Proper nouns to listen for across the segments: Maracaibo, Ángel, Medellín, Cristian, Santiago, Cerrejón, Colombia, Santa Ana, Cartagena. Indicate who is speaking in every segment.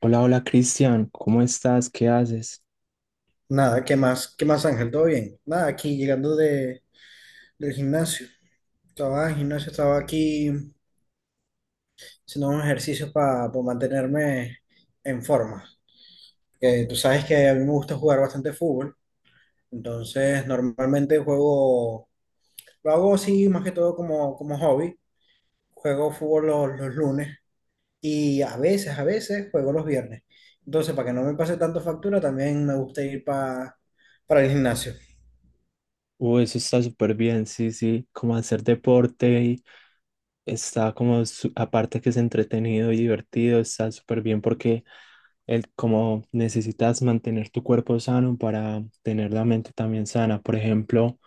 Speaker 1: Hola, hola Cristian, ¿cómo estás? ¿Qué haces?
Speaker 2: Nada, ¿qué más? ¿Qué más, Ángel? ¿Todo bien? Nada, aquí llegando de, del gimnasio. Estaba en el gimnasio, estaba aquí haciendo unos ejercicios para mantenerme en forma. Que tú sabes que a mí me gusta jugar bastante fútbol, entonces normalmente juego, lo hago así más que todo como, como hobby. Juego fútbol los lunes y a veces juego los viernes. Entonces, para que no me pase tanto factura, también me gusta ir para el gimnasio.
Speaker 1: Eso está súper bien, sí, sí, como hacer deporte y está como, aparte que es entretenido y divertido, está súper bien porque como necesitas mantener tu cuerpo sano para tener la mente también sana. Por ejemplo,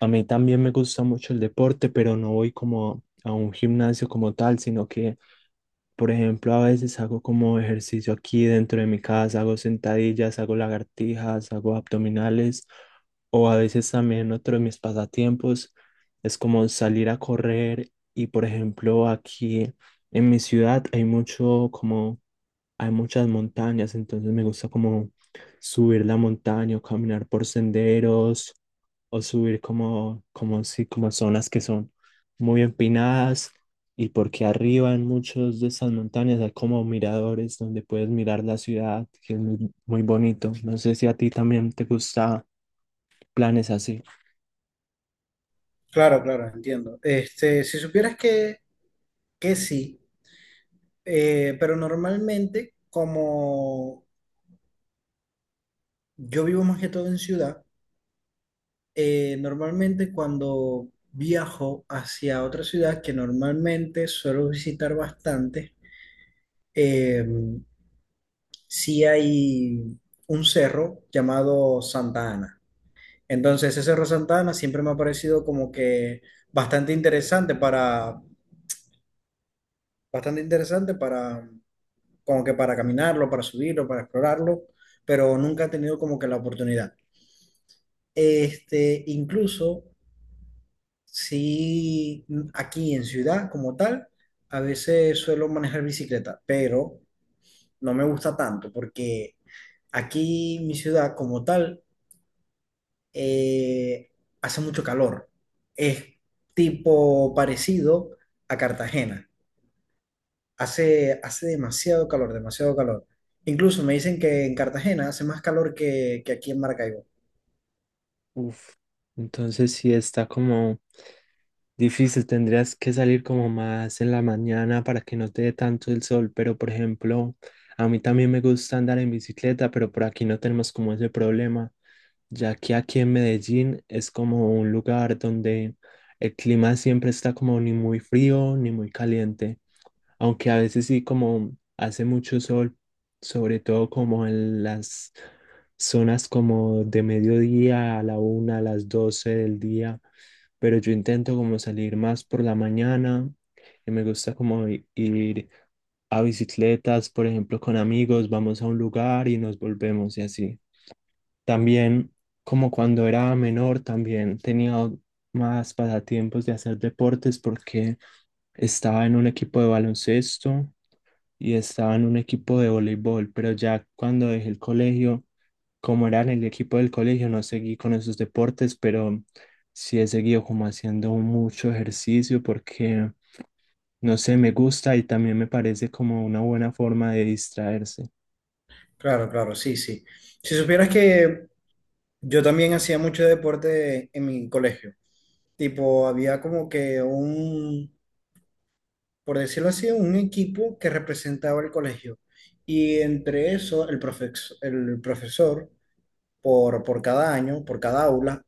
Speaker 1: a mí también me gusta mucho el deporte, pero no voy como a un gimnasio como tal, sino que, por ejemplo, a veces hago como ejercicio aquí dentro de mi casa, hago sentadillas, hago lagartijas, hago abdominales, o a veces también otro de mis pasatiempos es como salir a correr y, por ejemplo, aquí en mi ciudad hay mucho como, hay muchas montañas, entonces me gusta como subir la montaña o caminar por senderos o subir si, como zonas que son muy empinadas y porque arriba en muchos de esas montañas hay como miradores donde puedes mirar la ciudad, que es muy, muy bonito. No sé si a ti también te gusta planes así.
Speaker 2: Claro, claro, entiendo. Este, si supieras que sí, pero normalmente como yo vivo más que todo en ciudad, normalmente cuando viajo hacia otra ciudad que normalmente suelo visitar bastante, eh, sí hay un cerro llamado Santa Ana. Entonces ese cerro Santa Ana siempre me ha parecido como que bastante interesante para, bastante interesante para como que para caminarlo, para subirlo, para explorarlo, pero nunca he tenido como que la oportunidad. Este, incluso si aquí en ciudad como tal, a veces suelo manejar bicicleta, pero no me gusta tanto porque aquí mi ciudad como tal eh, hace mucho calor. Es tipo parecido a Cartagena. Hace, hace demasiado calor, demasiado calor. Incluso me dicen que en Cartagena hace más calor que aquí en Maracaibo.
Speaker 1: Entonces sí está como difícil, tendrías que salir como más en la mañana para que no te dé tanto el sol, pero por ejemplo, a mí también me gusta andar en bicicleta, pero por aquí no tenemos como ese problema, ya que aquí en Medellín es como un lugar donde el clima siempre está como ni muy frío ni muy caliente aunque a veces sí como hace mucho sol, sobre todo como en las zonas como de mediodía a la 1, a las 12 del día, pero yo intento como salir más por la mañana y me gusta como ir a bicicletas, por ejemplo, con amigos, vamos a un lugar y nos volvemos y así. También, como cuando era menor, también tenía más pasatiempos de hacer deportes porque estaba en un equipo de baloncesto y estaba en un equipo de voleibol, pero ya cuando dejé el colegio, como era en el equipo del colegio, no seguí con esos deportes, pero sí he seguido como haciendo mucho ejercicio porque, no sé, me gusta y también me parece como una buena forma de distraerse.
Speaker 2: Claro, claro, sí, sí. Si supieras que yo también hacía mucho deporte en mi colegio. Tipo, había como que un, por decirlo así, un equipo que representaba el colegio. Y entre eso, el el profesor, por cada año, por cada aula,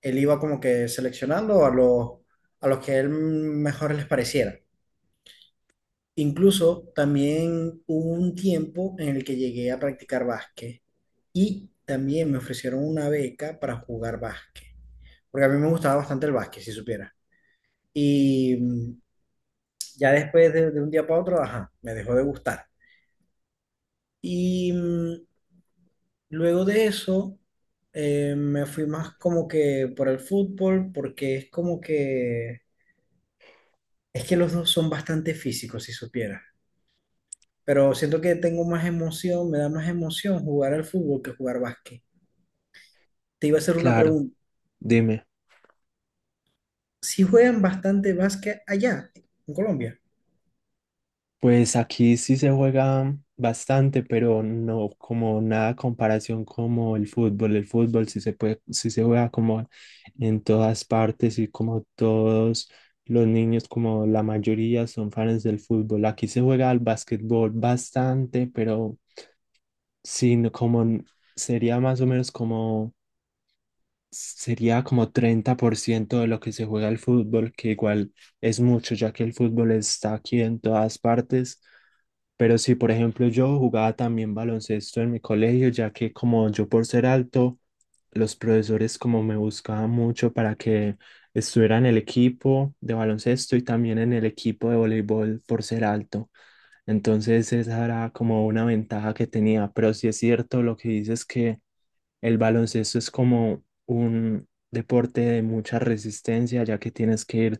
Speaker 2: él iba como que seleccionando a los que él mejor les pareciera. Incluso también hubo un tiempo en el que llegué a practicar básquet y también me ofrecieron una beca para jugar básquet, porque a mí me gustaba bastante el básquet, si supiera. Y ya después de un día para otro, ajá, me dejó de gustar. Y luego de eso, me fui más como que por el fútbol, porque es como que, es que los dos son bastante físicos, si supiera. Pero siento que tengo más emoción, me da más emoción jugar al fútbol que jugar básquet. Te iba a hacer una
Speaker 1: Claro,
Speaker 2: pregunta.
Speaker 1: dime.
Speaker 2: ¿Si juegan bastante básquet allá, en Colombia?
Speaker 1: Pues aquí sí se juega bastante, pero no como nada comparación como el fútbol. El fútbol sí se puede, sí se juega como en todas partes y como todos los niños, como la mayoría son fans del fútbol. Aquí se juega al básquetbol bastante, pero sí, como sería más o menos como sería como 30% de lo que se juega el fútbol, que igual es mucho, ya que el fútbol está aquí en todas partes. Pero sí, por ejemplo, yo jugaba también baloncesto en mi colegio, ya que como yo por ser alto, los profesores como me buscaban mucho para que estuviera en el equipo de baloncesto y también en el equipo de voleibol por ser alto. Entonces esa era como una ventaja que tenía, pero sí es cierto lo que dices que el baloncesto es como un deporte de mucha resistencia, ya que tienes que ir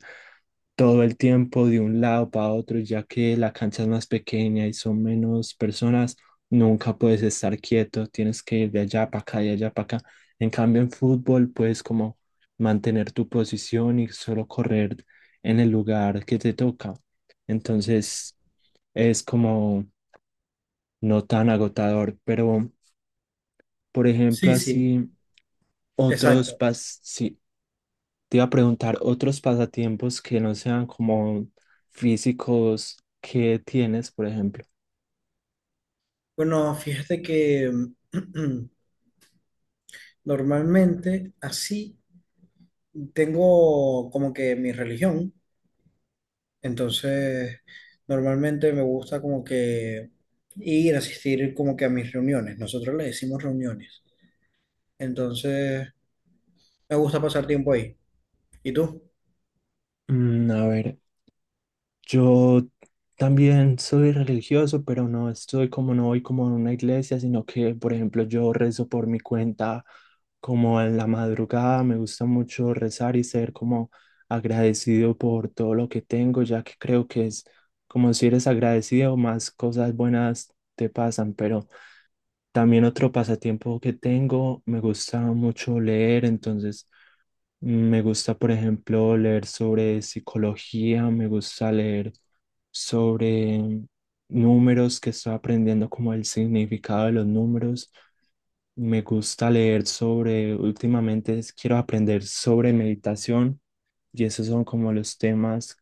Speaker 1: todo el tiempo de un lado para otro, ya que la cancha es más pequeña y son menos personas, nunca puedes estar quieto, tienes que ir de allá para acá, de allá para acá. En cambio, en fútbol puedes como mantener tu posición y solo correr en el lugar que te toca. Entonces, es como no tan agotador, pero por ejemplo,
Speaker 2: Sí, sí,
Speaker 1: así otros
Speaker 2: exacto.
Speaker 1: sí, te iba a preguntar otros pasatiempos que no sean como físicos que tienes, por ejemplo.
Speaker 2: Bueno, fíjate que normalmente así tengo como que mi religión, entonces normalmente me gusta como que ir a asistir como que a mis reuniones. Nosotros le decimos reuniones, entonces me gusta pasar tiempo ahí. ¿Y tú?
Speaker 1: A ver, yo también soy religioso, pero no estoy como, no voy como a una iglesia, sino que, por ejemplo, yo rezo por mi cuenta como en la madrugada. Me gusta mucho rezar y ser como agradecido por todo lo que tengo, ya que creo que es como si eres agradecido, más cosas buenas te pasan, pero. También otro pasatiempo que tengo, me gusta mucho leer, entonces me gusta, por ejemplo, leer sobre psicología, me gusta leer sobre números que estoy aprendiendo como el significado de los números. Me gusta leer sobre, últimamente quiero aprender sobre meditación y esos son como los temas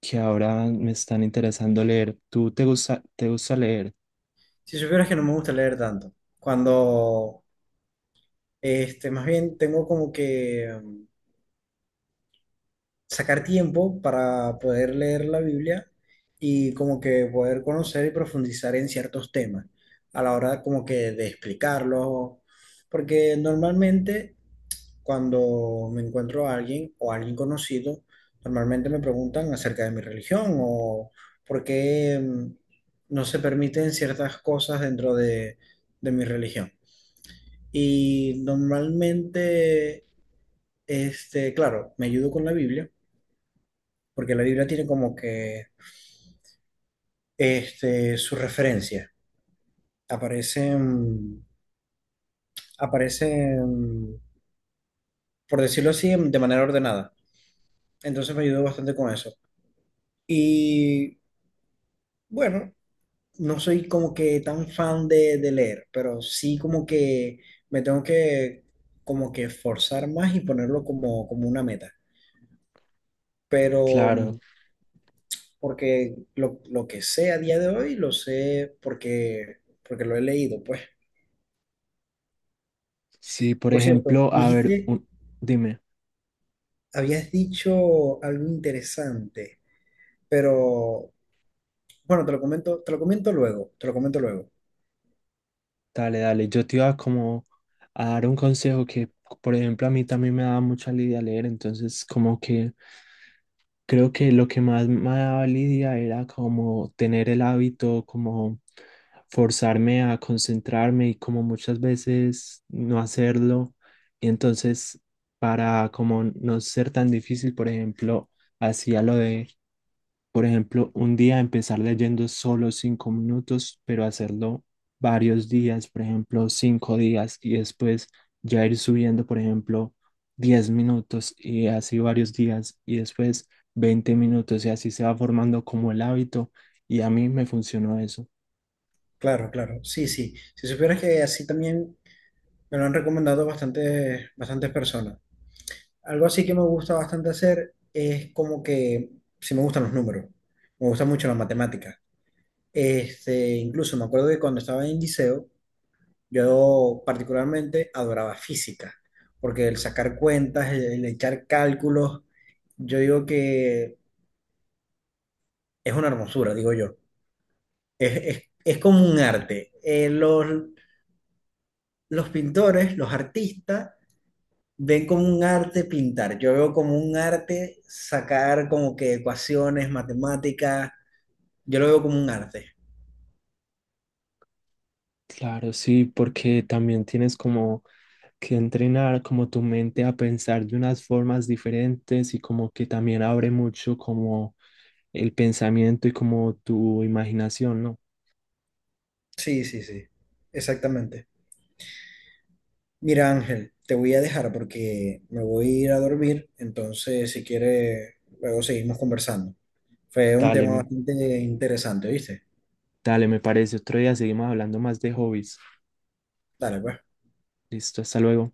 Speaker 1: que ahora me están interesando leer. Te gusta leer?
Speaker 2: Si supieras que no me gusta leer tanto, cuando, este, más bien tengo como que sacar tiempo para poder leer la Biblia y como que poder conocer y profundizar en ciertos temas a la hora como que de explicarlos, porque normalmente cuando me encuentro a alguien o a alguien conocido, normalmente me preguntan acerca de mi religión o por qué no se permiten ciertas cosas dentro de mi religión. Y normalmente, este, claro, me ayudo con la Biblia porque la Biblia tiene como que este, su referencia. Aparecen, aparecen, por decirlo así, de manera ordenada. Entonces me ayudó bastante con eso. Y bueno, no soy como que tan fan de leer, pero sí como que me tengo que como que esforzar más y ponerlo como, como una meta. Pero
Speaker 1: Claro,
Speaker 2: porque lo que sé a día de hoy lo sé porque, porque lo he leído, pues.
Speaker 1: sí, por
Speaker 2: Por cierto,
Speaker 1: ejemplo, a ver,
Speaker 2: dijiste
Speaker 1: dime,
Speaker 2: habías dicho algo interesante, pero bueno, te lo comento luego, te lo comento luego.
Speaker 1: dale, dale, yo te iba como a dar un consejo que, por ejemplo, a mí también me daba mucha lidia leer, entonces como que creo que lo que más me daba lidia era como tener el hábito, como forzarme a concentrarme y como muchas veces no hacerlo, y entonces para como no ser tan difícil, por ejemplo, hacía lo de, por ejemplo, un día empezar leyendo solo 5 minutos, pero hacerlo varios días, por ejemplo, 5 días y después ya ir subiendo, por ejemplo, 10 minutos y así varios días y después 20 minutos y así se va formando como el hábito y a mí me funcionó eso.
Speaker 2: Claro, claro, sí, sí. Si supieras que así también me lo han recomendado bastantes, bastantes personas. Algo así que me gusta bastante hacer es como que, si me gustan los números, me gusta mucho la matemática. Este, incluso me acuerdo que cuando estaba en liceo, yo particularmente adoraba física, porque el sacar cuentas, el echar cálculos, yo digo que es una hermosura, digo yo. Es, es como un arte. Los los pintores, los artistas, ven como un arte pintar. Yo veo como un arte sacar como que ecuaciones, matemáticas. Yo lo veo como un arte.
Speaker 1: Claro, sí, porque también tienes como que entrenar como tu mente a pensar de unas formas diferentes y como que también abre mucho como el pensamiento y como tu imaginación, ¿no?
Speaker 2: Sí, sí, sí. Exactamente. Mira, Ángel, te voy a dejar porque me voy a ir a dormir. Entonces, si quieres, luego seguimos conversando. Fue un
Speaker 1: Dale,
Speaker 2: tema bastante interesante, ¿viste?
Speaker 1: dale, me parece. Otro día seguimos hablando más de hobbies.
Speaker 2: Dale, pues.
Speaker 1: Listo, hasta luego.